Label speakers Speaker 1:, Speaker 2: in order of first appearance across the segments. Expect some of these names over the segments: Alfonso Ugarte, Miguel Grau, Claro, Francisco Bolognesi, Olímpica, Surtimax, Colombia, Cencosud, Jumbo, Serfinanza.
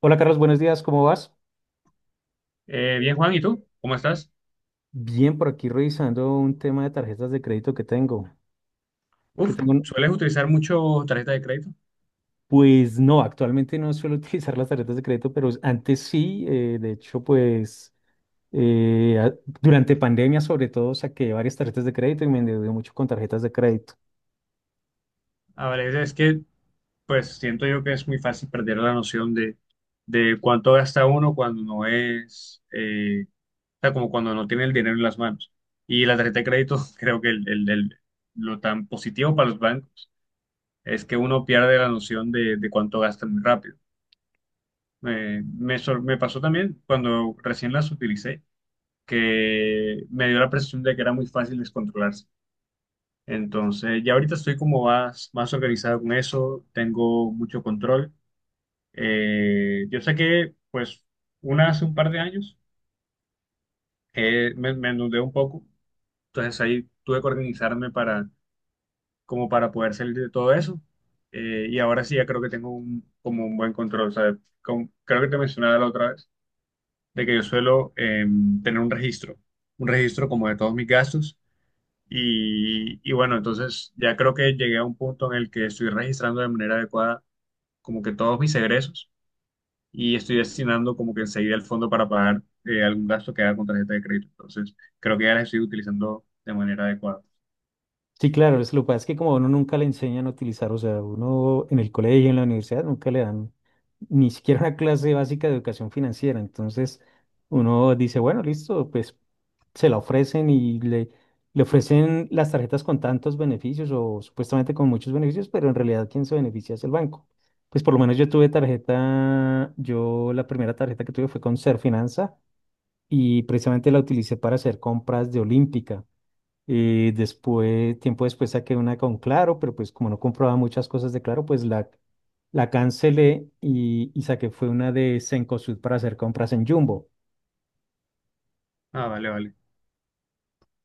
Speaker 1: Hola Carlos, buenos días, ¿cómo vas?
Speaker 2: Bien, Juan, ¿y tú? ¿Cómo estás?
Speaker 1: Bien, por aquí revisando un tema de tarjetas de crédito que tengo. Que
Speaker 2: Uf,
Speaker 1: tengo, un-
Speaker 2: ¿sueles utilizar mucho tarjeta de crédito?
Speaker 1: pues no, actualmente no suelo utilizar las tarjetas de crédito, pero antes sí, de hecho, eh, a- durante pandemia sobre todo saqué varias tarjetas de crédito y me endeudé mucho con tarjetas de crédito.
Speaker 2: A veces es que, pues, siento yo que es muy fácil perder la noción de cuánto gasta uno cuando no es, o sea, como cuando no tiene el dinero en las manos. Y la tarjeta de crédito, creo que lo tan positivo para los bancos es que uno pierde la noción de cuánto gasta muy rápido. Me pasó también cuando recién las utilicé, que me dio la percepción de que era muy fácil descontrolarse. Entonces, ya ahorita estoy como más organizado con eso, tengo mucho control. Yo sé que, pues, una hace un par de años me endeudé un poco, entonces ahí tuve que organizarme para, como para poder salir de todo eso. Y ahora sí, ya creo que tengo un, como un buen control, ¿sabes? Creo que te mencionaba la otra vez, de que yo suelo tener un registro como de todos mis gastos. Y bueno, entonces ya creo que llegué a un punto en el que estoy registrando de manera adecuada como que todos mis egresos y estoy destinando como que enseguida el fondo para pagar algún gasto que haga con tarjeta de crédito. Entonces creo que ya las estoy utilizando de manera adecuada.
Speaker 1: Sí, claro, es lo que pasa es que como a uno nunca le enseñan a utilizar, o sea, uno en el colegio, en la universidad, nunca le dan ni siquiera una clase básica de educación financiera. Entonces, uno dice, bueno, listo, pues se la le ofrecen las tarjetas con tantos beneficios o supuestamente con muchos beneficios, pero en realidad quien se beneficia es el banco. Pues por lo menos yo tuve tarjeta, yo la primera tarjeta que tuve fue con Serfinanza y precisamente la utilicé para hacer compras de Olímpica. Y después, tiempo después saqué una con Claro, pero pues como no comprobaba muchas cosas de Claro, la cancelé y saqué fue una de Cencosud para hacer compras en Jumbo.
Speaker 2: Ah, vale, vale.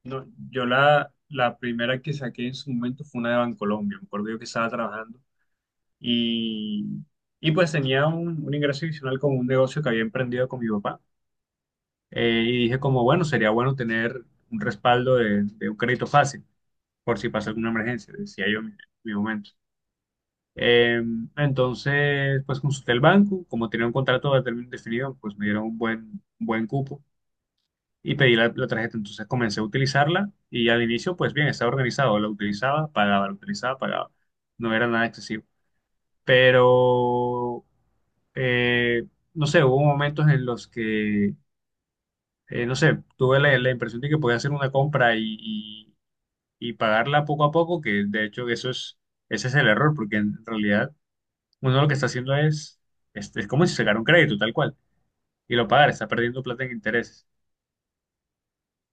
Speaker 2: No, yo la primera que saqué en su momento fue una de Bancolombia. Me acuerdo yo que estaba trabajando y, y pues tenía un ingreso adicional con un negocio que había emprendido con mi papá. Y dije como, bueno, sería bueno tener un respaldo de un crédito fácil, por si pasa alguna emergencia, decía yo en mi momento. Eh, entonces, pues consulté el banco, como tenía un contrato de término definido, pues me dieron un buen cupo y pedí la tarjeta. Entonces comencé a utilizarla y al inicio, pues bien, estaba organizado, la utilizaba, pagaba, la utilizaba, pagaba. No era nada excesivo. Pero, eh, no sé, hubo momentos en los que no sé, tuve la impresión de que podía hacer una compra y pagarla poco a poco, que de hecho ese es el error, porque en realidad uno lo que está haciendo es como si sacara un crédito, tal cual, y lo pagara, está perdiendo plata en intereses.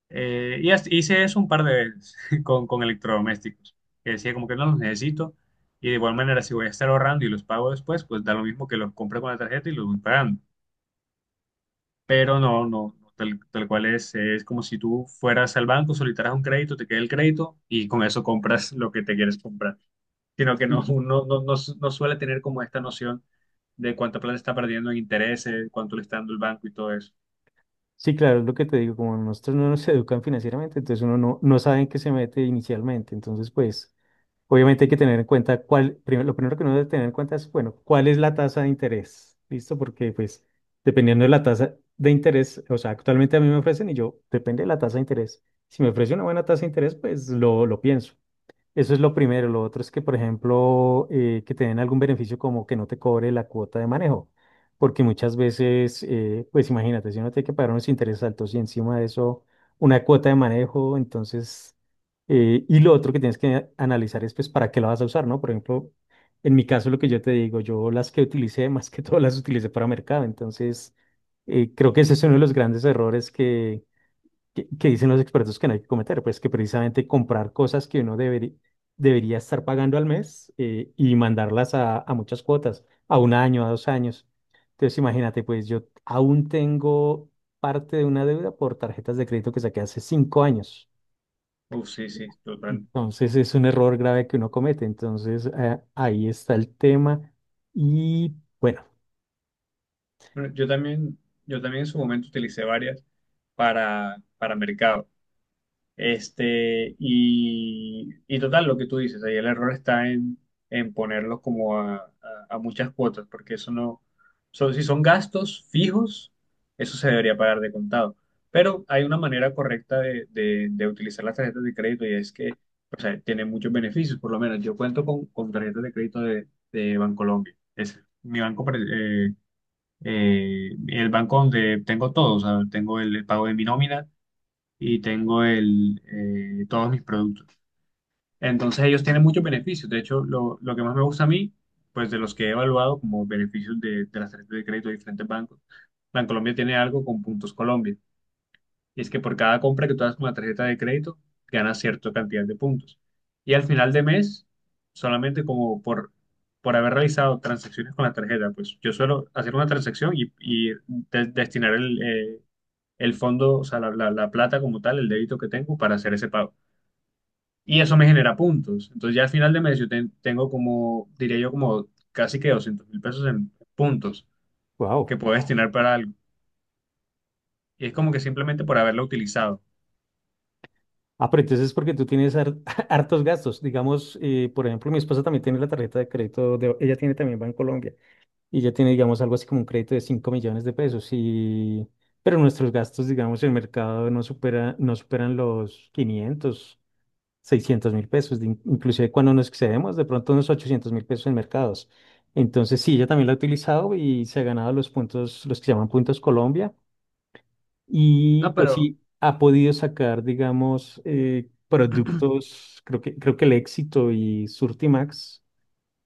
Speaker 2: Hice eso un par de veces con electrodomésticos, que decía como que no los necesito, y de igual manera si voy a estar ahorrando y los pago después, pues da lo mismo que los compré con la tarjeta y los voy pagando. Pero no, no, no, tal cual es como si tú fueras al banco, solicitaras un crédito, te queda el crédito y con eso compras lo que te quieres comprar, sino que
Speaker 1: Y
Speaker 2: no suele tener como esta noción de cuánta plata está perdiendo en intereses, cuánto le está dando el banco y todo eso.
Speaker 1: sí, claro, es lo que te digo, como nosotros no nos educan financieramente, entonces uno no sabe en qué se mete inicialmente. Entonces, pues obviamente hay que tener en cuenta cuál, primero, lo primero que uno debe tener en cuenta es, bueno, cuál es la tasa de interés, ¿listo? Porque pues dependiendo de la tasa de interés, o sea, actualmente a mí me ofrecen y yo, depende de la tasa de interés. Si me ofrece una buena tasa de interés, pues lo pienso. Eso es lo primero. Lo otro es que, por ejemplo, que te den algún beneficio como que no te cobre la cuota de manejo. Porque muchas veces, pues imagínate, si uno tiene que pagar unos intereses altos y encima de eso una cuota de manejo, y lo otro que tienes que analizar es pues para qué la vas a usar, ¿no? Por ejemplo, en mi caso lo que yo te digo, yo las que utilicé, más que todo las utilicé para mercado. Entonces, creo que ese es uno de los grandes errores que dicen los expertos que no hay que cometer, pues que precisamente comprar cosas que uno debería estar pagando al mes y mandarlas a muchas cuotas, a un año, a dos años. Entonces, imagínate, pues yo aún tengo parte de una deuda por tarjetas de crédito que saqué hace cinco años.
Speaker 2: Uf, sí, sí, total.
Speaker 1: Entonces, es un error grave que uno comete. Entonces, ahí está el tema. Y bueno,
Speaker 2: Bueno, yo también en su momento utilicé varias para mercado. Este, y total, lo que tú dices, ahí el error está en ponerlos como a muchas cuotas, porque eso no, son, si son gastos fijos, eso se debería pagar de contado. Pero hay una manera correcta de utilizar las tarjetas de crédito y es que, o sea, tienen muchos beneficios, por lo menos yo cuento con tarjetas de crédito de Bancolombia, es mi banco, eh, el banco donde tengo todo, o sea, tengo el pago de mi nómina y tengo todos mis productos. Entonces ellos tienen muchos beneficios. De hecho, lo que más me gusta a mí, pues de los que he evaluado como beneficios de las tarjetas de crédito de diferentes bancos, Bancolombia tiene algo con Puntos Colombia. Y es que por cada compra que tú hagas con la tarjeta de crédito, ganas cierta cantidad de puntos. Y al final de mes, solamente como por haber realizado transacciones con la tarjeta, pues yo suelo hacer una transacción y destinar el fondo, o sea, la plata como tal, el débito que tengo para hacer ese pago. Y eso me genera puntos. Entonces ya al final de mes yo tengo como, diría yo, como casi que 200.000 pesos en puntos
Speaker 1: wow.
Speaker 2: que puedo destinar para algo. Y es como que simplemente por haberlo utilizado.
Speaker 1: Ah, pero entonces es porque tú tienes hartos gastos. Digamos, por ejemplo, mi esposa también tiene la tarjeta de crédito, ella tiene también Colombia y ella tiene, digamos, algo así como un crédito de 5 millones de pesos. Pero nuestros gastos, digamos, en el mercado no supera, no superan los 500, 600 mil pesos, de inclusive cuando nos excedemos, de pronto unos 800 mil pesos en mercados. Entonces, sí, ella también la ha utilizado y se ha ganado los puntos, los que se llaman puntos Colombia. Y
Speaker 2: No,
Speaker 1: pues
Speaker 2: pero,
Speaker 1: sí, ha podido sacar, digamos, productos, creo que el éxito y Surtimax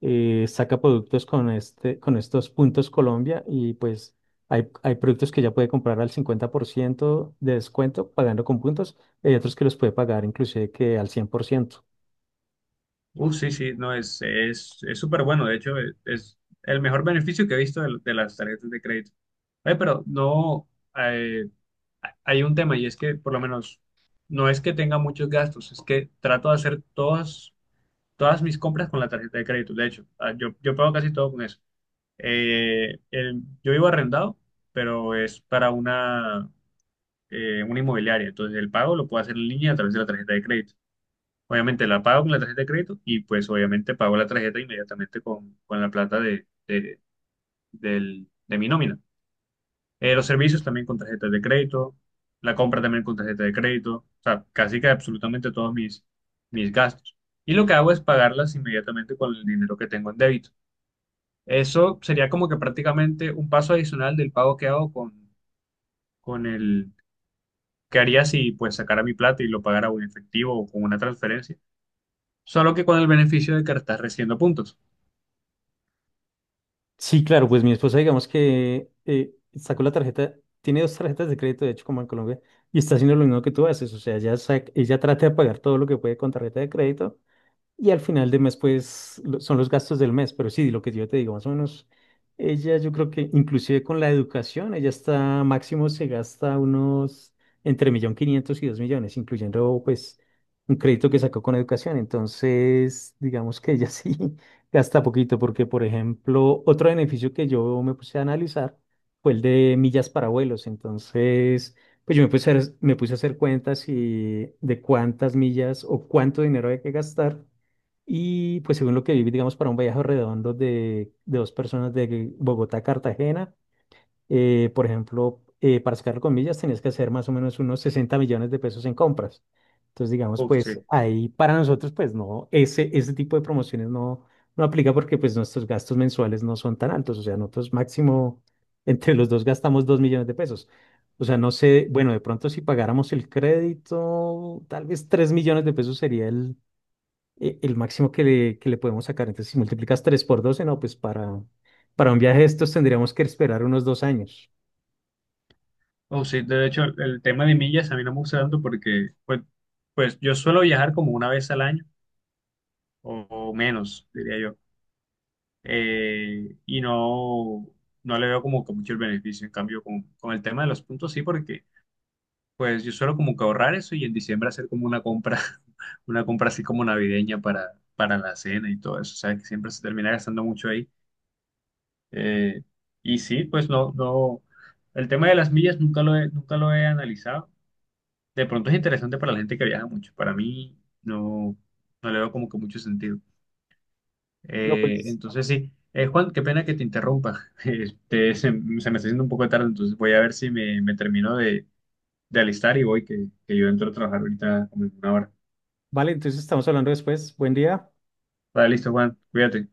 Speaker 1: saca productos con, este, con estos puntos Colombia y pues hay productos que ya puede comprar al 50% de descuento pagando con puntos, hay otros que los puede pagar inclusive que al cien por ciento.
Speaker 2: sí, sí, no, es súper bueno. De hecho, es el mejor beneficio que he visto de las tarjetas de crédito. Oye, pero no, eh, hay un tema y es que por lo menos no es que tenga muchos gastos, es que trato de hacer todas mis compras con la tarjeta de crédito. De hecho, yo pago casi todo con eso. Yo vivo arrendado, pero es para una inmobiliaria. Entonces, el pago lo puedo hacer en línea a través de la tarjeta de crédito. Obviamente la pago con la tarjeta de crédito y pues obviamente pago la tarjeta inmediatamente con la plata de mi nómina. Los servicios también con tarjetas de crédito, la compra también con tarjeta de crédito, o sea, casi que absolutamente todos mis gastos. Y lo que hago es pagarlas inmediatamente con el dinero que tengo en débito. Eso sería como que prácticamente un paso adicional del pago que hago con el que haría si pues sacara mi plata y lo pagara o en efectivo o con una transferencia, solo que con el beneficio de que estás recibiendo puntos.
Speaker 1: Sí, claro, pues mi esposa, digamos que sacó la tarjeta, tiene dos tarjetas de crédito, de hecho, como en Colombia, y está haciendo lo mismo que tú haces, o sea, ella trata de pagar todo lo que puede con tarjeta de crédito, y al final de mes, pues, son los gastos del mes, pero sí, lo que yo te digo, más o menos, ella yo creo que inclusive con la educación, ella está máximo se gasta unos entre millón quinientos y dos millones, incluyendo pues un crédito que sacó con educación. Entonces, digamos que ella sí gasta poquito, porque por ejemplo, otro beneficio que yo me puse a analizar fue el de millas para vuelos. Entonces, pues yo me puse a hacer cuentas y de cuántas millas o cuánto dinero hay que gastar. Y pues según lo que vi, digamos, para un viaje redondo de dos personas de Bogotá a Cartagena, por ejemplo, para sacarlo con millas tenías que hacer más o menos unos 60 millones de pesos en compras. Entonces, digamos,
Speaker 2: Uf,
Speaker 1: pues
Speaker 2: sí.
Speaker 1: ahí para nosotros, pues no, ese tipo de promociones no, no aplica porque pues nuestros gastos mensuales no son tan altos. O sea, nosotros máximo entre los dos gastamos 2 millones de pesos. O sea, no sé, bueno, de pronto si pagáramos el crédito, tal vez 3 millones de pesos sería el máximo que le podemos sacar. Entonces, si multiplicas 3 por 12 no, pues para un viaje de estos tendríamos que esperar unos dos años.
Speaker 2: Uf, sí, de hecho el tema de millas a mí no me gusta tanto porque pues, pues yo suelo viajar como una vez al año o menos, diría yo. Y no le veo como que mucho el beneficio. En cambio, con el tema de los puntos sí, porque pues yo suelo como que ahorrar eso y en diciembre hacer como una compra, una compra así como navideña para la cena y todo eso. O sea, que siempre se termina gastando mucho ahí. Eh, y sí, pues no, no. El tema de las millas nunca lo he analizado. De pronto es interesante para la gente que viaja mucho. Para mí no, no le veo como que mucho sentido.
Speaker 1: No, pues.
Speaker 2: Entonces sí. Juan, qué pena que te interrumpa. Este, se me está haciendo un poco tarde, entonces voy a ver si me termino de alistar y voy, que yo entro a trabajar ahorita como en una hora.
Speaker 1: Vale, entonces estamos hablando después. Buen día.
Speaker 2: Vale, listo, Juan, cuídate.